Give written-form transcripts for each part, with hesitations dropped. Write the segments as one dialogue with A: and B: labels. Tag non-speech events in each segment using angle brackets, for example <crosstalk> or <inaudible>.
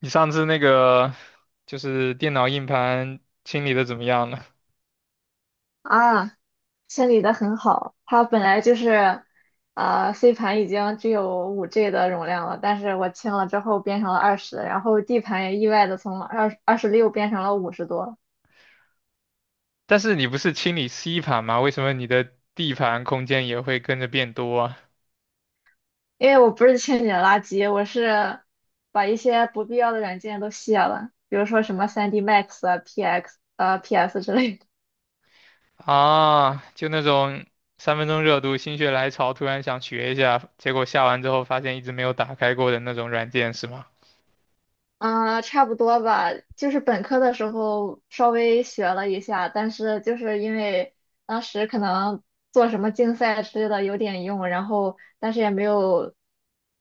A: 你上次那个就是电脑硬盘清理的怎么样了？
B: 啊，清理的很好。它本来就是，C 盘已经只有五 G 的容量了，但是我清了之后变成了二十，然后 D 盘也意外的从二十六变成了50多。
A: <laughs> 但是你不是清理 C 盘吗？为什么你的 D 盘空间也会跟着变多啊？
B: 因为我不是清理了垃圾，我是把一些不必要的软件都卸了，比如说什么 3D Max 啊、PS 之类的。
A: 啊，就那种三分钟热度、心血来潮，突然想学一下，结果下完之后发现一直没有打开过的那种软件是吗？
B: 嗯，差不多吧，就是本科的时候稍微学了一下，但是就是因为当时可能做什么竞赛之类的有点用，然后但是也没有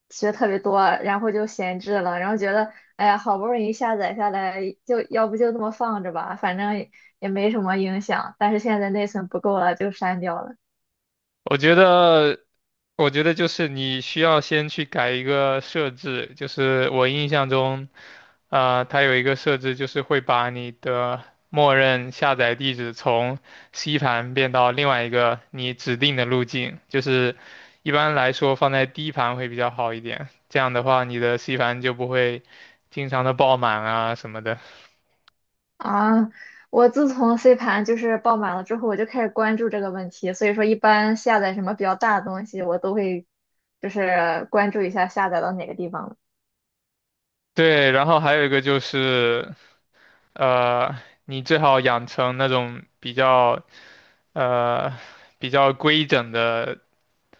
B: 学特别多，然后就闲置了，然后觉得哎呀，好不容易下载下来，就要不就这么放着吧，反正也没什么影响，但是现在内存不够了，就删掉了。
A: 我觉得，我觉得就是你需要先去改一个设置，就是我印象中，啊，它有一个设置就是会把你的默认下载地址从 C 盘变到另外一个你指定的路径，就是一般来说放在 D 盘会比较好一点，这样的话你的 C 盘就不会经常的爆满啊什么的。
B: 啊，我自从 C 盘就是爆满了之后，我就开始关注这个问题。所以说，一般下载什么比较大的东西，我都会就是关注一下下载到哪个地方了。
A: 对，然后还有一个就是，呃，你最好养成那种比较。呃比较规整的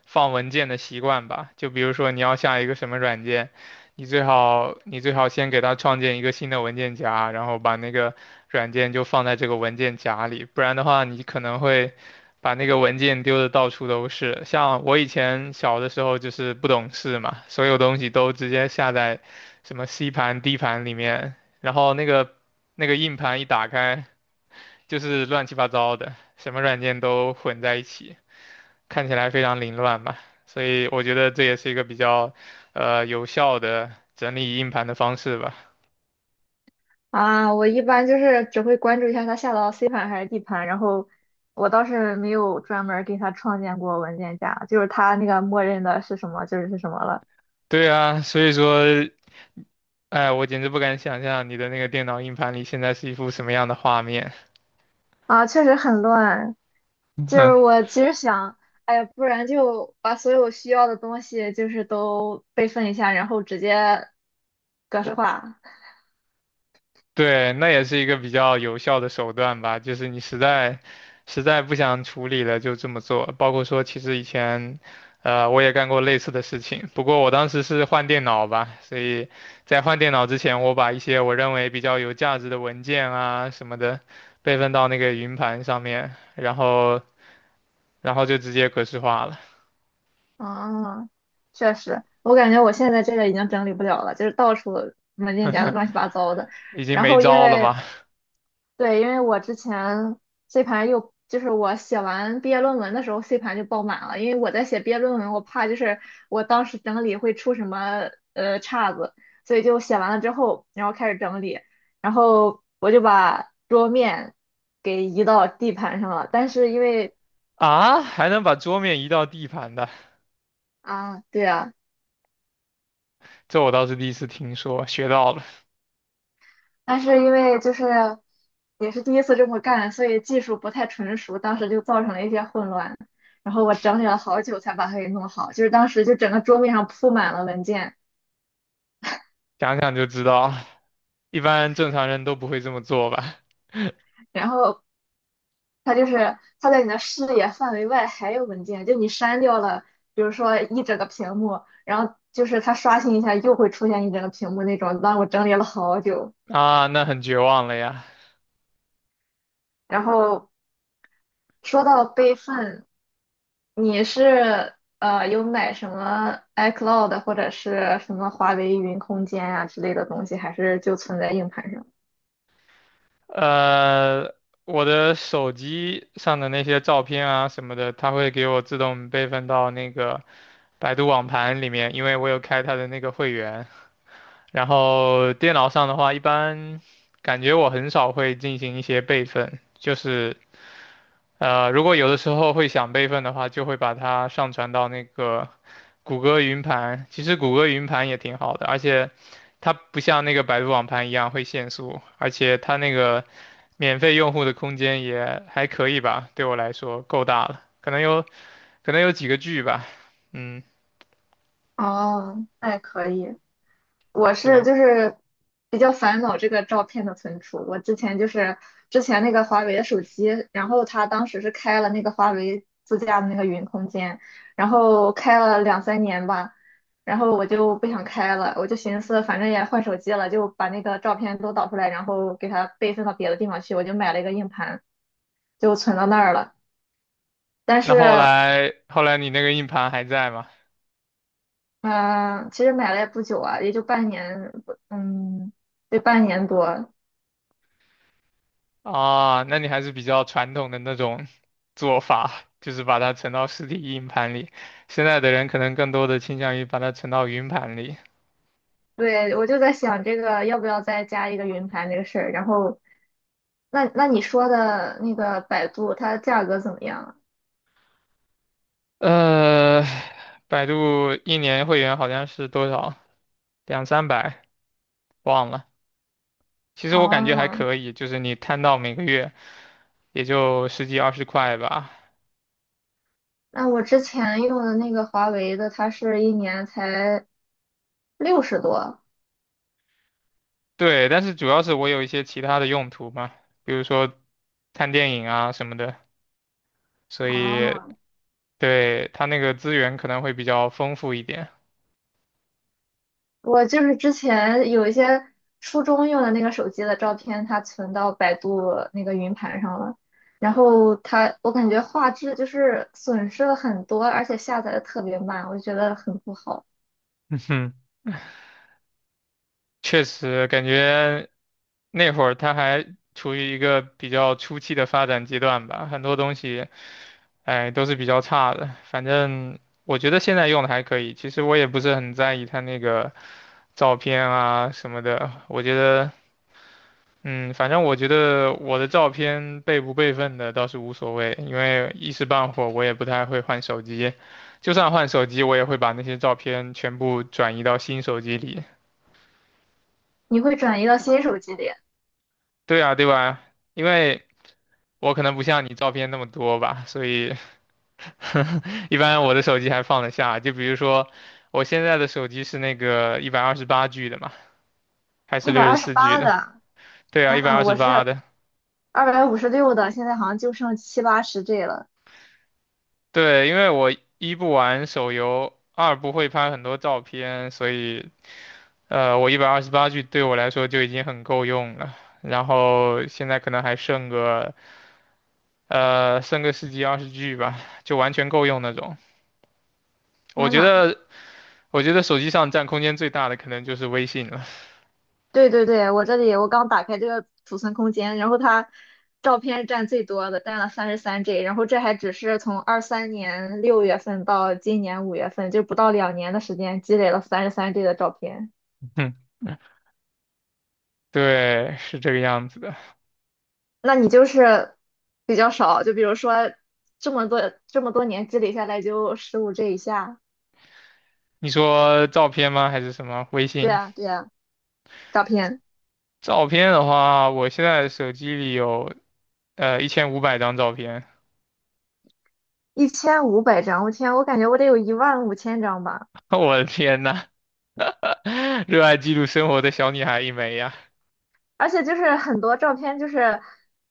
A: 放文件的习惯吧。就比如说你要下一个什么软件，你最好先给它创建一个新的文件夹，然后把那个软件就放在这个文件夹里，不然的话你可能会把那个文件丢的到处都是。像我以前小的时候就是不懂事嘛，所有东西都直接下在什么 C 盘、D 盘里面，然后那个硬盘一打开，就是乱七八糟的，什么软件都混在一起，看起来非常凌乱吧。所以我觉得这也是一个比较，有效的整理硬盘的方式吧。
B: 啊，我一般就是只会关注一下它下到 C 盘还是 D 盘，然后我倒是没有专门儿给它创建过文件夹，就是它那个默认的是什么就是是什么了。
A: 对啊，所以说，哎，我简直不敢想象你的那个电脑硬盘里现在是一幅什么样的画面。
B: 啊，确实很乱。就是我其实想，哎呀，不然就把所有需要的东西就是都备份一下，然后直接格式化。
A: 对，那也是一个比较有效的手段吧，就是你实在不想处理了，就这么做。包括说，其实以前，我也干过类似的事情，不过我当时是换电脑吧，所以在换电脑之前，我把一些我认为比较有价值的文件啊什么的备份到那个云盘上面，然后就直接格式化了，
B: 啊，确实，我感觉我现在这个已经整理不了了，就是到处文件夹都乱七八糟的。
A: 已经
B: 然
A: 没
B: 后因
A: 招了
B: 为
A: 嘛。
B: 对，因为我之前 C 盘又就是我写完毕业论文的时候，C 盘就爆满了，因为我在写毕业论文，我怕就是我当时整理会出什么岔子，所以就写完了之后，然后开始整理，然后我就把桌面给移到 D 盘上了，但是因为
A: 啊，还能把桌面移到地盘的，
B: 啊，对啊。
A: 这我倒是第一次听说，学到了，
B: 但是因为就是也是第一次这么干，所以技术不太纯熟，当时就造成了一些混乱。然后我整理了好久才把它给弄好，就是当时就整个桌面上铺满了文件，
A: 想想就知道。一般正常人都不会这么做吧？<laughs>
B: 然后它就是它在你的视野范围外还有文件，就你删掉了，比如说一整个屏幕，然后就是它刷新一下又会出现一整个屏幕那种，让我整理了好久。
A: 啊，那很绝望了呀。
B: 然后说到备份。你是有买什么 iCloud 或者是什么华为云空间啊之类的东西，还是就存在硬盘上？
A: 呃，我的手机上的那些照片啊什么的，它会给我自动备份到那个百度网盘里面，因为我有开它的那个会员。然后电脑上的话，一般感觉我很少会进行一些备份，就是如果有的时候会想备份的话，就会把它上传到那个谷歌云盘。其实谷歌云盘也挺好的，而且它不像那个百度网盘一样会限速，而且它那个免费用户的空间也还可以吧，对我来说够大了，可能有几个 G 吧。嗯，
B: 哦，那也可以。我是
A: 对。
B: 就是比较烦恼这个照片的存储。我之前就是之前那个华为的手机，然后它当时是开了那个华为自家的那个云空间，然后开了两三年吧，然后我就不想开了，我就寻思反正也换手机了，就把那个照片都导出来，然后给它备份到别的地方去。我就买了一个硬盘，就存到那儿了。但
A: 那
B: 是，
A: 后来你那个硬盘还在吗？
B: 嗯、其实买了也不久啊，也就半年，嗯，对，半年多。
A: 啊，那你还是比较传统的那种 <laughs> 做法，就是把它存到实体硬盘里。现在的人可能更多的倾向于把它存到云盘里。
B: 对，我就在想这个要不要再加一个云盘这个事儿。然后，那那你说的那个百度，它价格怎么样
A: 呃，百度一年会员好像是多少？两三百，忘了。其实
B: 啊？
A: 我感觉还
B: 哦，
A: 可以，就是你摊到每个月也就十几二十块吧。
B: 那我之前用的那个华为的，它是一年才60多。
A: 对，但是主要是我有一些其他的用途嘛，比如说看电影啊什么的，所以
B: 哦，
A: 对，它那个资源可能会比较丰富一点。
B: 我就是之前有一些初中用的那个手机的照片，它存到百度那个云盘上了。然后它，我感觉画质就是损失了很多，而且下载的特别慢，我就觉得很不好。
A: 嗯哼，确实感觉那会儿它还处于一个比较初期的发展阶段吧，很多东西，哎，都是比较差的。反正我觉得现在用的还可以，其实我也不是很在意它那个照片啊什么的，我觉得。嗯，反正我觉得我的照片备不备份的倒是无所谓，因为一时半会儿我也不太会换手机，就算换手机，我也会把那些照片全部转移到新手机里。
B: 你会转移到新手机里。
A: 对啊，对吧？因为我可能不像你照片那么多吧，所以 <laughs> 一般我的手机还放得下。就比如说我现在的手机是那个一百二十八 G 的嘛，还是
B: 一百
A: 六十
B: 二十
A: 四 G
B: 八
A: 的？
B: 的，
A: 对啊，
B: 天
A: 一百
B: 呐，
A: 二十
B: 我
A: 八
B: 是
A: 的。
B: 256的，现在好像就剩七八十G 了。
A: 对，因为我一不玩手游，二不会拍很多照片，所以我一百二十八 G 对我来说就已经很够用了。然后现在可能还剩个十几二十 G 吧，就完全够用那种。我
B: 天
A: 觉
B: 呐，
A: 得我觉得手机上占空间最大的可能就是微信了。
B: 对对对，我这里我刚打开这个储存空间，然后它照片占最多的，占了三十三 G，然后这还只是从23年6月份到今年5月份，就不到2年的时间积累了三十三 G 的照片。
A: <laughs> 嗯，对，是这个样子的。
B: 那你就是比较少，就比如说这么多年积累下来就15G 以下。
A: 你说照片吗？还是什么？微
B: 对
A: 信
B: 啊，对啊。照片，
A: 照片的话，我现在手机里有1500张照片。
B: 1500张，我天，我感觉我得有15000张吧。
A: <laughs> 我的天呐！热爱记录生活的小女孩一枚呀。
B: 而且就是很多照片，就是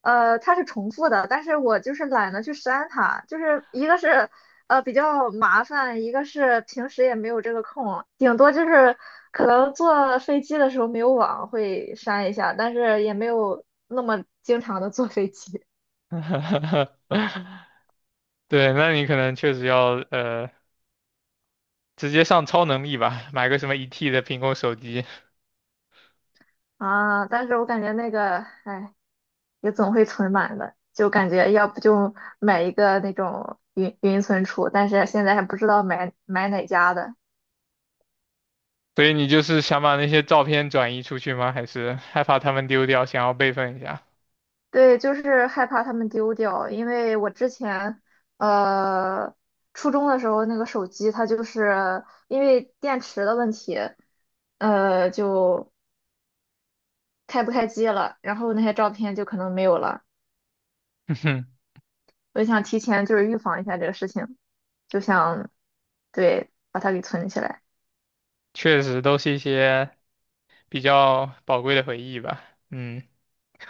B: 它是重复的，但是我就是懒得去删它，就是一个是比较麻烦，一个是平时也没有这个空，顶多就是可能坐飞机的时候没有网会删一下，但是也没有那么经常的坐飞机
A: <laughs> 对，那你可能确实要直接上超能力吧，买个什么1 T 的苹果手机。
B: <laughs> 啊。但是我感觉那个，哎。也总会存满的，就感觉要不就买一个那种云存储，但是现在还不知道买哪家的。
A: 所以你就是想把那些照片转移出去吗？还是害怕他们丢掉，想要备份一下？
B: 对，就是害怕他们丢掉，因为我之前呃初中的时候那个手机，它就是因为电池的问题，就开不开机了，然后那些照片就可能没有了。我就想提前就是预防一下这个事情，就想对把它给存起来。
A: <laughs> 确实都是一些比较宝贵的回忆吧。嗯，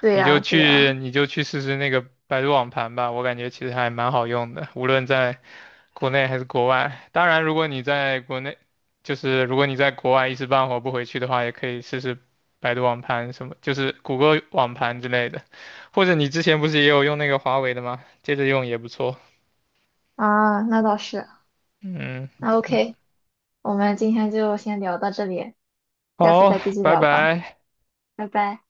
B: 对
A: 你就
B: 呀，对
A: 去
B: 呀，
A: 你就去试试那个百度网盘吧，我感觉其实还蛮好用的，无论在国内还是国外。当然，如果你在国内，就是如果你在国外一时半会儿不回去的话，也可以试试百度网盘什么，就是谷歌网盘之类的，或者你之前不是也有用那个华为的吗？接着用也不错。
B: 啊，那倒是。
A: 嗯
B: 那
A: 嗯，
B: OK，我们今天就先聊到这里，下次
A: 好，
B: 再继续
A: 拜
B: 聊吧，
A: 拜。
B: 拜拜。